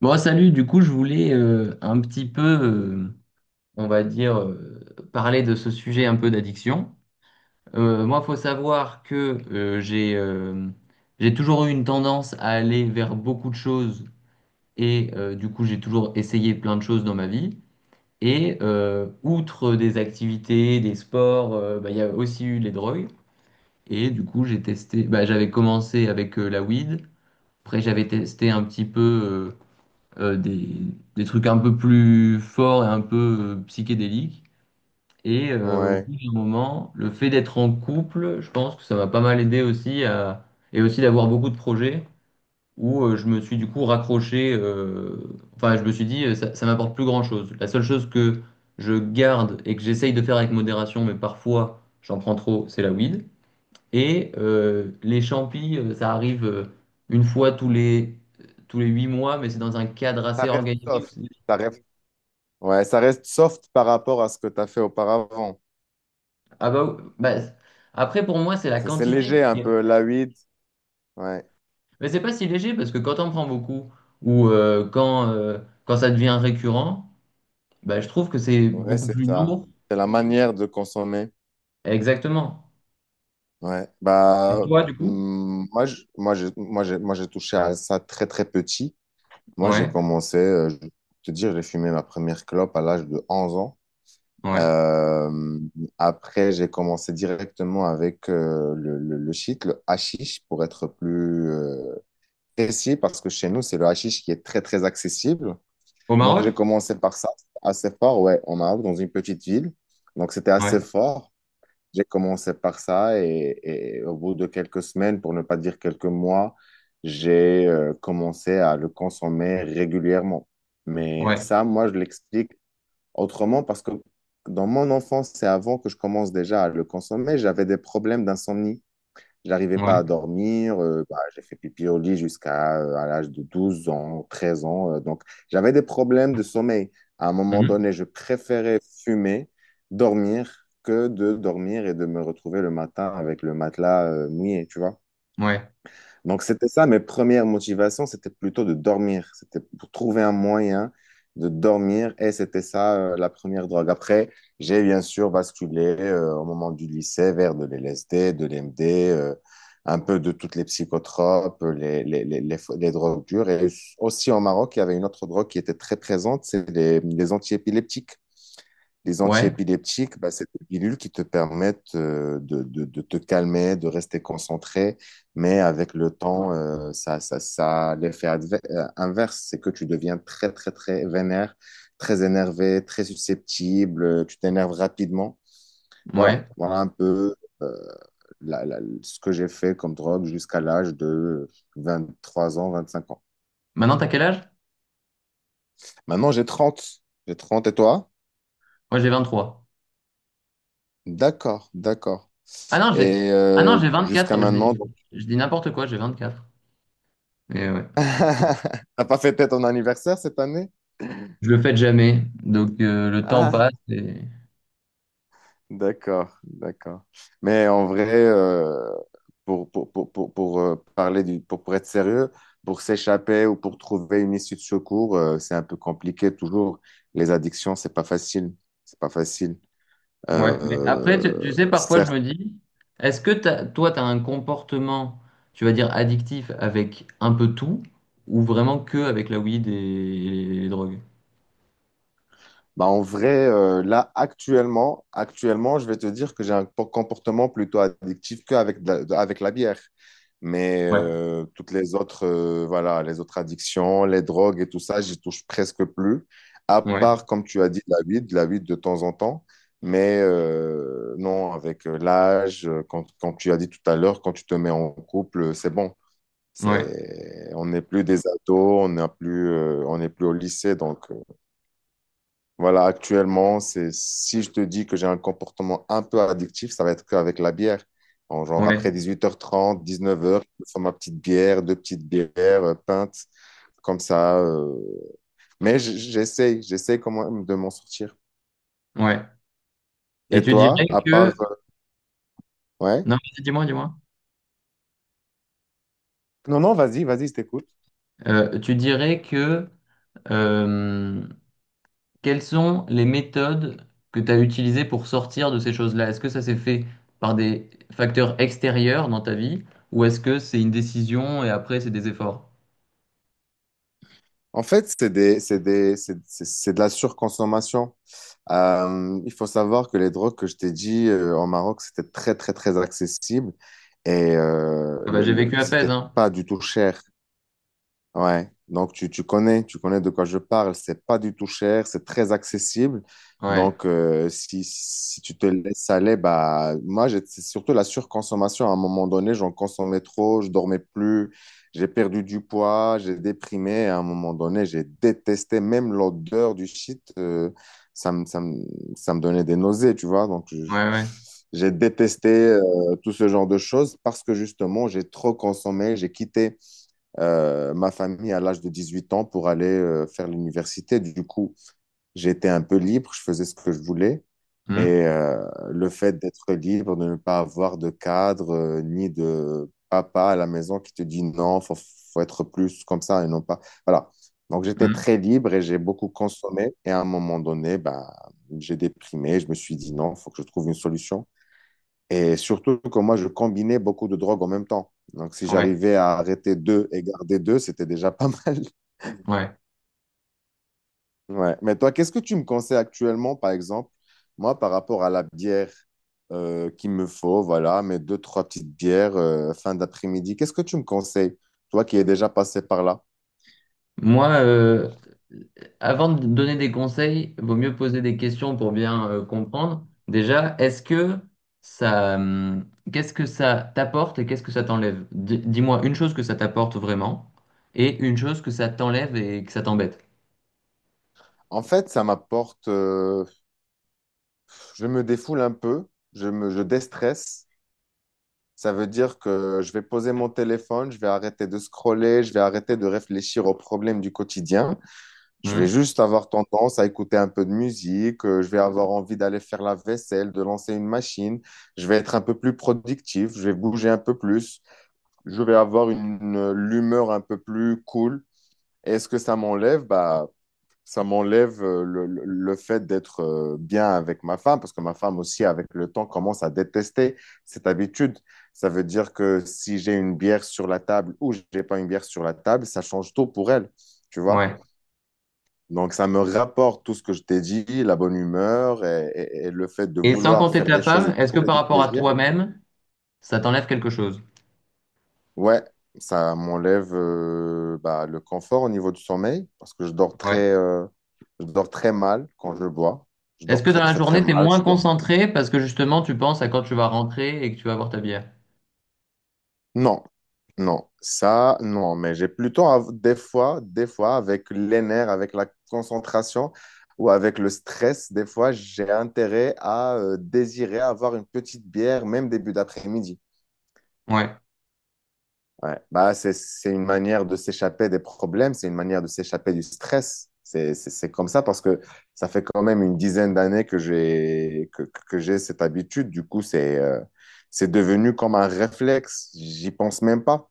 Bon, salut, du coup, je voulais un petit peu, on va dire, parler de ce sujet un peu d'addiction. Moi, il faut savoir que j'ai toujours eu une tendance à aller vers beaucoup de choses et du coup, j'ai toujours essayé plein de choses dans ma vie. Et outre des activités, des sports, bah, il y a aussi eu les drogues. Et du coup, j'ai testé, bah, j'avais commencé avec la weed. Après, j'avais testé un petit peu. euh, euh, des, des trucs un peu plus forts et un peu psychédéliques. Et au Ouais. bout d'un moment, le fait d'être en couple, je pense que ça m'a pas mal aidé aussi et aussi d'avoir beaucoup de projets où je me suis du coup raccroché, enfin je me suis dit ça m'apporte plus grand-chose. La seule chose que je garde et que j'essaye de faire avec modération, mais parfois j'en prends trop, c'est la weed. Et les champis, ça arrive une fois tous les 8 mois, mais c'est dans un cadre Ça assez reste organisé. soft. Ça reste, ouais, ça reste soft par rapport à ce que tu as fait auparavant. Ah bah, après pour moi c'est la C'est quantité léger un qui est... peu, la weed. Ouais, Mais c'est pas si léger parce que quand on prend beaucoup ou euh, quand, euh, quand ça devient récurrent, bah, je trouve que c'est ouais, beaucoup c'est plus ça. lourd. C'est la manière de consommer. Exactement. Ouais. Et Bah, toi du coup? Moi, je- moi, j'ai, moi, j'ai, moi, j'ai touché à ça très, très petit. Moi, j'ai Ouais, commencé, je vais te dire, j'ai fumé ma première clope à l'âge de 11 ans. ouais. Euh, après, j'ai commencé directement avec le shit, le hashish, pour être plus, précis parce que chez nous, c'est le hashish qui est très, très accessible. Au Donc, Maroc? j'ai commencé par ça, assez fort, ouais, en Maroc, dans une petite ville. Donc, c'était Ouais, assez fort. J'ai commencé par ça et au bout de quelques semaines, pour ne pas dire quelques mois, j'ai commencé à le consommer régulièrement. Mais ouais, ça, moi, je l'explique autrement parce que dans mon enfance, c'est avant que je commence déjà à le consommer, j'avais des problèmes d'insomnie. Je n'arrivais pas à ouais. dormir. Bah, j'ai fait pipi au lit jusqu'à à l'âge de 12 ans, 13 ans. Donc, j'avais des problèmes de sommeil. À un moment Mhm. donné, je préférais fumer, dormir, que de dormir et de me retrouver le matin avec le matelas mouillé, tu vois. Ouais. Donc, c'était ça, mes premières motivations, c'était plutôt de dormir. C'était pour trouver un moyen de dormir et c'était ça la première drogue. Après, j'ai bien sûr basculé au moment du lycée vers de l'LSD, de l'MD, un peu de toutes les psychotropes, les drogues dures. Et aussi au Maroc, il y avait une autre drogue qui était très présente, c'est les antiépileptiques. Ouais, Bah, c'est des pilules qui te permettent de te calmer, de rester concentré, mais avec le temps, ça l'effet inverse, c'est que tu deviens très, très, très vénère, très énervé, très susceptible, tu t'énerves rapidement. Voilà, ouais. voilà un peu euh, ce que j'ai fait comme drogue jusqu'à l'âge de 23 ans, 25 ans. Maintenant t'as quel âge? Maintenant, j'ai 30. J'ai 30 et toi? Moi j'ai 23 D'accord, d'accord. Ah non, j'ai Et ah non, j'ai jusqu'à 24, je maintenant, dis, je dis n'importe quoi, j'ai 24. Et ouais. t'as pas fêté ton anniversaire cette année? Je le fais jamais, donc le temps Ah, passe et... d'accord, d'accord. Mais en vrai, pour être sérieux, pour s'échapper ou pour trouver une issue de secours, c'est un peu compliqué toujours. Les addictions, c'est pas facile. C'est pas facile. Ouais, mais après, tu, tu sais, parfois je me Certes. dis, toi, tu as un comportement, tu vas dire, addictif avec un peu tout, ou vraiment que avec la weed et les drogues? Bah, en vrai, là, actuellement, je vais te dire que j'ai un comportement plutôt addictif qu'avec de la, de- avec la bière. Mais Ouais, toutes les autres, voilà, les autres addictions, les drogues et tout ça, j'y touche presque plus. À ouais, part, comme tu as dit, la weed de temps en temps. Mais non, avec l'âge, quand tu as dit tout à l'heure, quand tu te mets en couple, c'est bon. ouais, On n'est plus des ados, on n'est plus au lycée, donc. Voilà, actuellement, c'est si je te dis que j'ai un comportement un peu addictif, ça va être qu'avec la bière. En genre après ouais, 18h30, 19h, je me fais ma petite bière, deux petites bières, pinte, comme ça. Mais j'essaye quand même de m'en sortir. ouais. Et Et tu toi, dirais à part, que... ouais? Non, vas-y, dis-moi, dis-moi. Non, non, vas-y, vas-y, je t'écoute. Tu dirais que... euh, quelles sont les méthodes que tu as utilisées pour sortir de ces choses-là? Est-ce que ça s'est fait par des facteurs extérieurs dans ta vie, ou est-ce que c'est une décision et après c'est des efforts? En fait, c'est des, c'est des, c'est de la surconsommation. Il faut savoir que les drogues que je t'ai dit en Maroc, c'était très, très, très accessible et Ah bah j'ai vécu à Fès, c'était hein. pas du tout cher. Ouais, donc tu connais de quoi je parle. C'est pas du tout cher, c'est très accessible. Ouais, Donc, si tu te laisses aller, bah, moi, c'est surtout la surconsommation. À un moment donné, j'en consommais trop, je dormais plus, j'ai perdu du poids, j'ai déprimé. À un moment donné, j'ai détesté même l'odeur du shit. Ça me, ça me, Ça me donnait des nausées, tu vois. Donc, ouais, ouais. j'ai détesté tout ce genre de choses parce que justement, j'ai trop consommé, j'ai quitté ma famille à l'âge de 18 ans pour aller faire l'université. Du coup, j'étais un peu libre, je faisais ce que je voulais. Hum, Et le fait d'être libre, de ne pas avoir de cadre, ni de papa à la maison qui te dit non, faut être plus comme ça et non pas. Voilà. Donc j'étais hum. très libre et j'ai beaucoup consommé. Et à un moment donné, ben, j'ai déprimé. Je me suis dit non, faut que je trouve une solution. Et surtout que moi, je combinais beaucoup de drogues en même temps. Donc, si Ouais, j'arrivais à arrêter deux et garder deux, c'était déjà pas mal. ouais. Ouais. Mais toi, qu'est-ce que tu me conseilles actuellement, par exemple, moi, par rapport à la bière qu'il me faut, voilà, mes deux, trois petites bières fin d'après-midi, qu'est-ce que tu me conseilles, toi qui es déjà passé par là? Moi, avant de donner des conseils, vaut mieux poser des questions pour bien comprendre. Déjà, ça, hum, qu'est-ce que ça t'apporte et qu'est-ce que ça t'enlève? Dis-moi une chose que ça t'apporte vraiment et une chose que ça t'enlève et que ça t'embête. En fait, ça m'apporte, je me défoule un peu, je déstresse. Ça veut dire que je vais poser mon téléphone, je vais arrêter de scroller, je vais arrêter de réfléchir aux problèmes du quotidien. Je vais Hum. juste avoir tendance à écouter un peu de musique, je vais avoir envie d'aller faire la vaisselle, de lancer une machine. Je vais être un peu plus productif, je vais bouger un peu plus, je vais avoir l'humeur un peu plus cool. Est-ce que ça m'enlève? Bah, ça m'enlève le fait d'être bien avec ma femme, parce que ma femme aussi, avec le temps, commence à détester cette habitude. Ça veut dire que si j'ai une bière sur la table ou j'ai pas une bière sur la table, ça change tout pour elle, tu vois. Ouais. Donc, ça me rapporte tout ce que je t'ai dit, la bonne humeur et le fait de Et sans vouloir compter faire ta des choses et femme, de est-ce que trouver par des rapport à plaisirs. toi-même, ça t'enlève quelque chose? Ouais, ça m'enlève bah, le confort au niveau du sommeil parce que je dors très mal quand je bois. Je Est-ce dors que dans très, la très, très journée, t'es mal. Moins concentré parce que justement, tu penses à quand tu vas rentrer et que tu vas boire ta bière? Non, non, ça, non, mais j'ai plutôt des fois, avec les nerfs, avec la concentration ou avec le stress, des fois, j'ai intérêt à désirer avoir une petite bière, même début d'après-midi. Ouais, Ouais. Bah, c'est une manière de s'échapper des problèmes, c'est une manière de s'échapper du stress. C'est comme ça parce que ça fait quand même une dizaine d'années que j'ai cette habitude. Du coup, c'est devenu comme un réflexe. J'y pense même pas.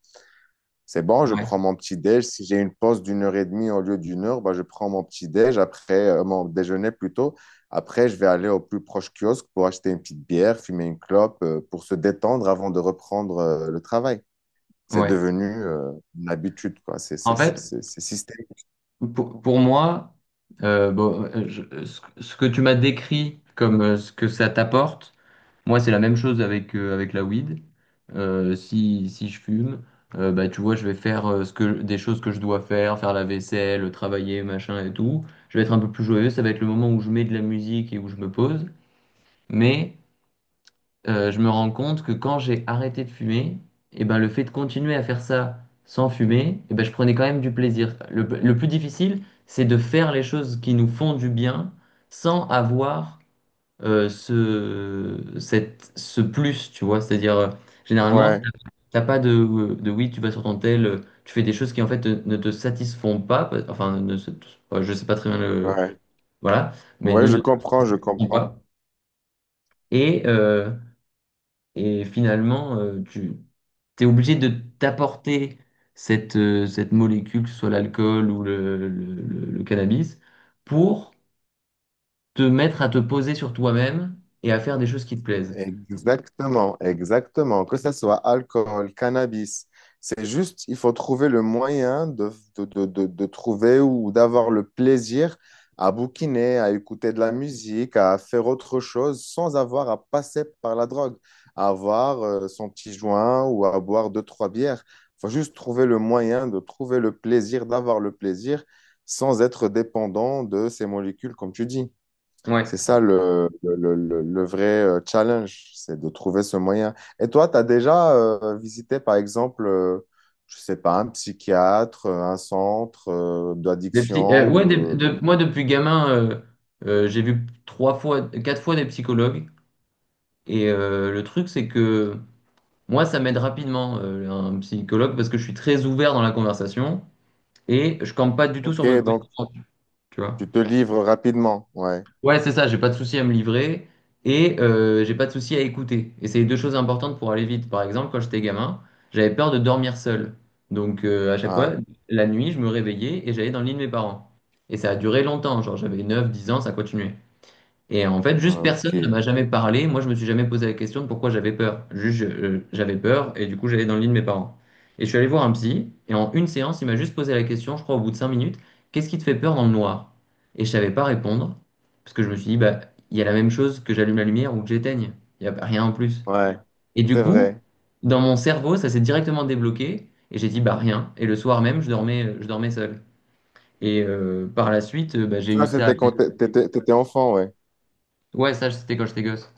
C'est bon, je ouais, prends mon petit déj. Si j'ai une pause d'une heure et demie au lieu d'une heure, bah, je prends mon petit déj après mon déjeuner plutôt. Après, je vais aller au plus proche kiosque pour acheter une petite bière, fumer une clope pour se détendre avant de reprendre le travail. C'est ouais. devenu une habitude, quoi. C'est En c'est- c'est- fait, c'est- c'est systémique. pour moi, bon, ce que tu m'as décrit comme ce que ça t'apporte, moi, c'est la même chose avec la weed. Si je fume, bah, tu vois, je vais faire des choses que je dois faire, faire la vaisselle, travailler, machin et tout. Je vais être un peu plus joyeux. Ça va être le moment où je mets de la musique et où je me pose. Mais je me rends compte que quand j'ai arrêté de fumer, et ben, le fait de continuer à faire ça sans fumer, et ben, je prenais quand même du plaisir. Le plus difficile, c'est de faire les choses qui nous font du bien sans avoir ce plus, tu vois. C'est-à-dire, généralement, Ouais, t'as pas de oui, tu vas sur ton tel, tu fais des choses qui en fait ne te satisfont pas, enfin, ne se- je sais pas très bien le... ouais. Voilà, mais Ouais, ne je te comprends, je satisfont comprends. pas. Et... et finalement, tu es obligé de t'apporter cette molécule, que ce soit l'alcool ou le cannabis, pour te mettre à te poser sur toi-même et à faire des choses qui te plaisent. Exactement, exactement. Que ce soit alcool, cannabis, c'est juste, il faut trouver le moyen de trouver ou d'avoir le plaisir à bouquiner, à écouter de la musique, à faire autre chose sans avoir à passer par la drogue, à avoir son petit joint ou à boire deux, trois bières. Il faut juste trouver le moyen de trouver le plaisir, d'avoir le plaisir sans être dépendant de ces molécules, comme tu dis. Ouais. C'est ça le vrai challenge, c'est de trouver ce moyen. Et toi, tu as déjà visité, par exemple, je sais pas, un psychiatre, un centre Des psy- d'addiction euh, ouais, ou... moi, depuis gamin, j'ai vu trois fois, quatre fois des psychologues. Et le truc, c'est que moi, ça m'aide rapidement, un psychologue, parce que je suis très ouvert dans la conversation et je campe pas du tout Ok, sur mes donc positions, tu vois. tu te livres rapidement, ouais. Ouais, c'est ça, j'ai pas de souci à me livrer et j'ai pas de souci à écouter. Et c'est les deux choses importantes pour aller vite. Par exemple, quand j'étais gamin, j'avais peur de dormir seul. Donc à chaque fois, Ah, la nuit, je me réveillais et j'allais dans le lit de mes parents. Et ça a duré longtemps, genre j'avais 9, 10 ans, ça continuait. Et en fait, juste ah, ok, personne ne m'a jamais parlé. Moi, je me suis jamais posé la question de pourquoi j'avais peur. Juste, j'avais peur et du coup, j'allais dans le lit de mes parents. Et je suis allé voir un psy et en une séance, il m'a juste posé la question, je crois au bout de 5 minutes, qu'est-ce qui te fait peur dans le noir? Et je savais pas répondre parce que je me suis dit, bah, il y a la même chose que j'allume la lumière ou que j'éteigne. Il y a rien en plus. ouais, Et du c'est coup, vrai. dans mon cerveau, ça s'est directement débloqué et j'ai dit, bah, rien. Et le soir même, je dormais seul. Et par la suite, bah, j'ai eu Ça, ça. c'était quand tu étais enfant, ouais. Ouais, ça, c'était quand j'étais gosse.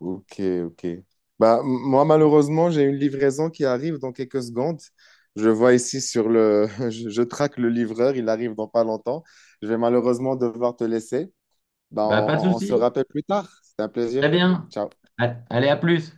Ok, ok. Bah, moi, malheureusement, j'ai une livraison qui arrive dans quelques secondes. Je vois ici sur le... Je traque le livreur, il arrive dans pas longtemps. Je vais malheureusement devoir te laisser. Bah, Bah, on pas de on- on se souci. rappelle plus tard. C'était un Très plaisir. bien. Ciao. Allez, à plus.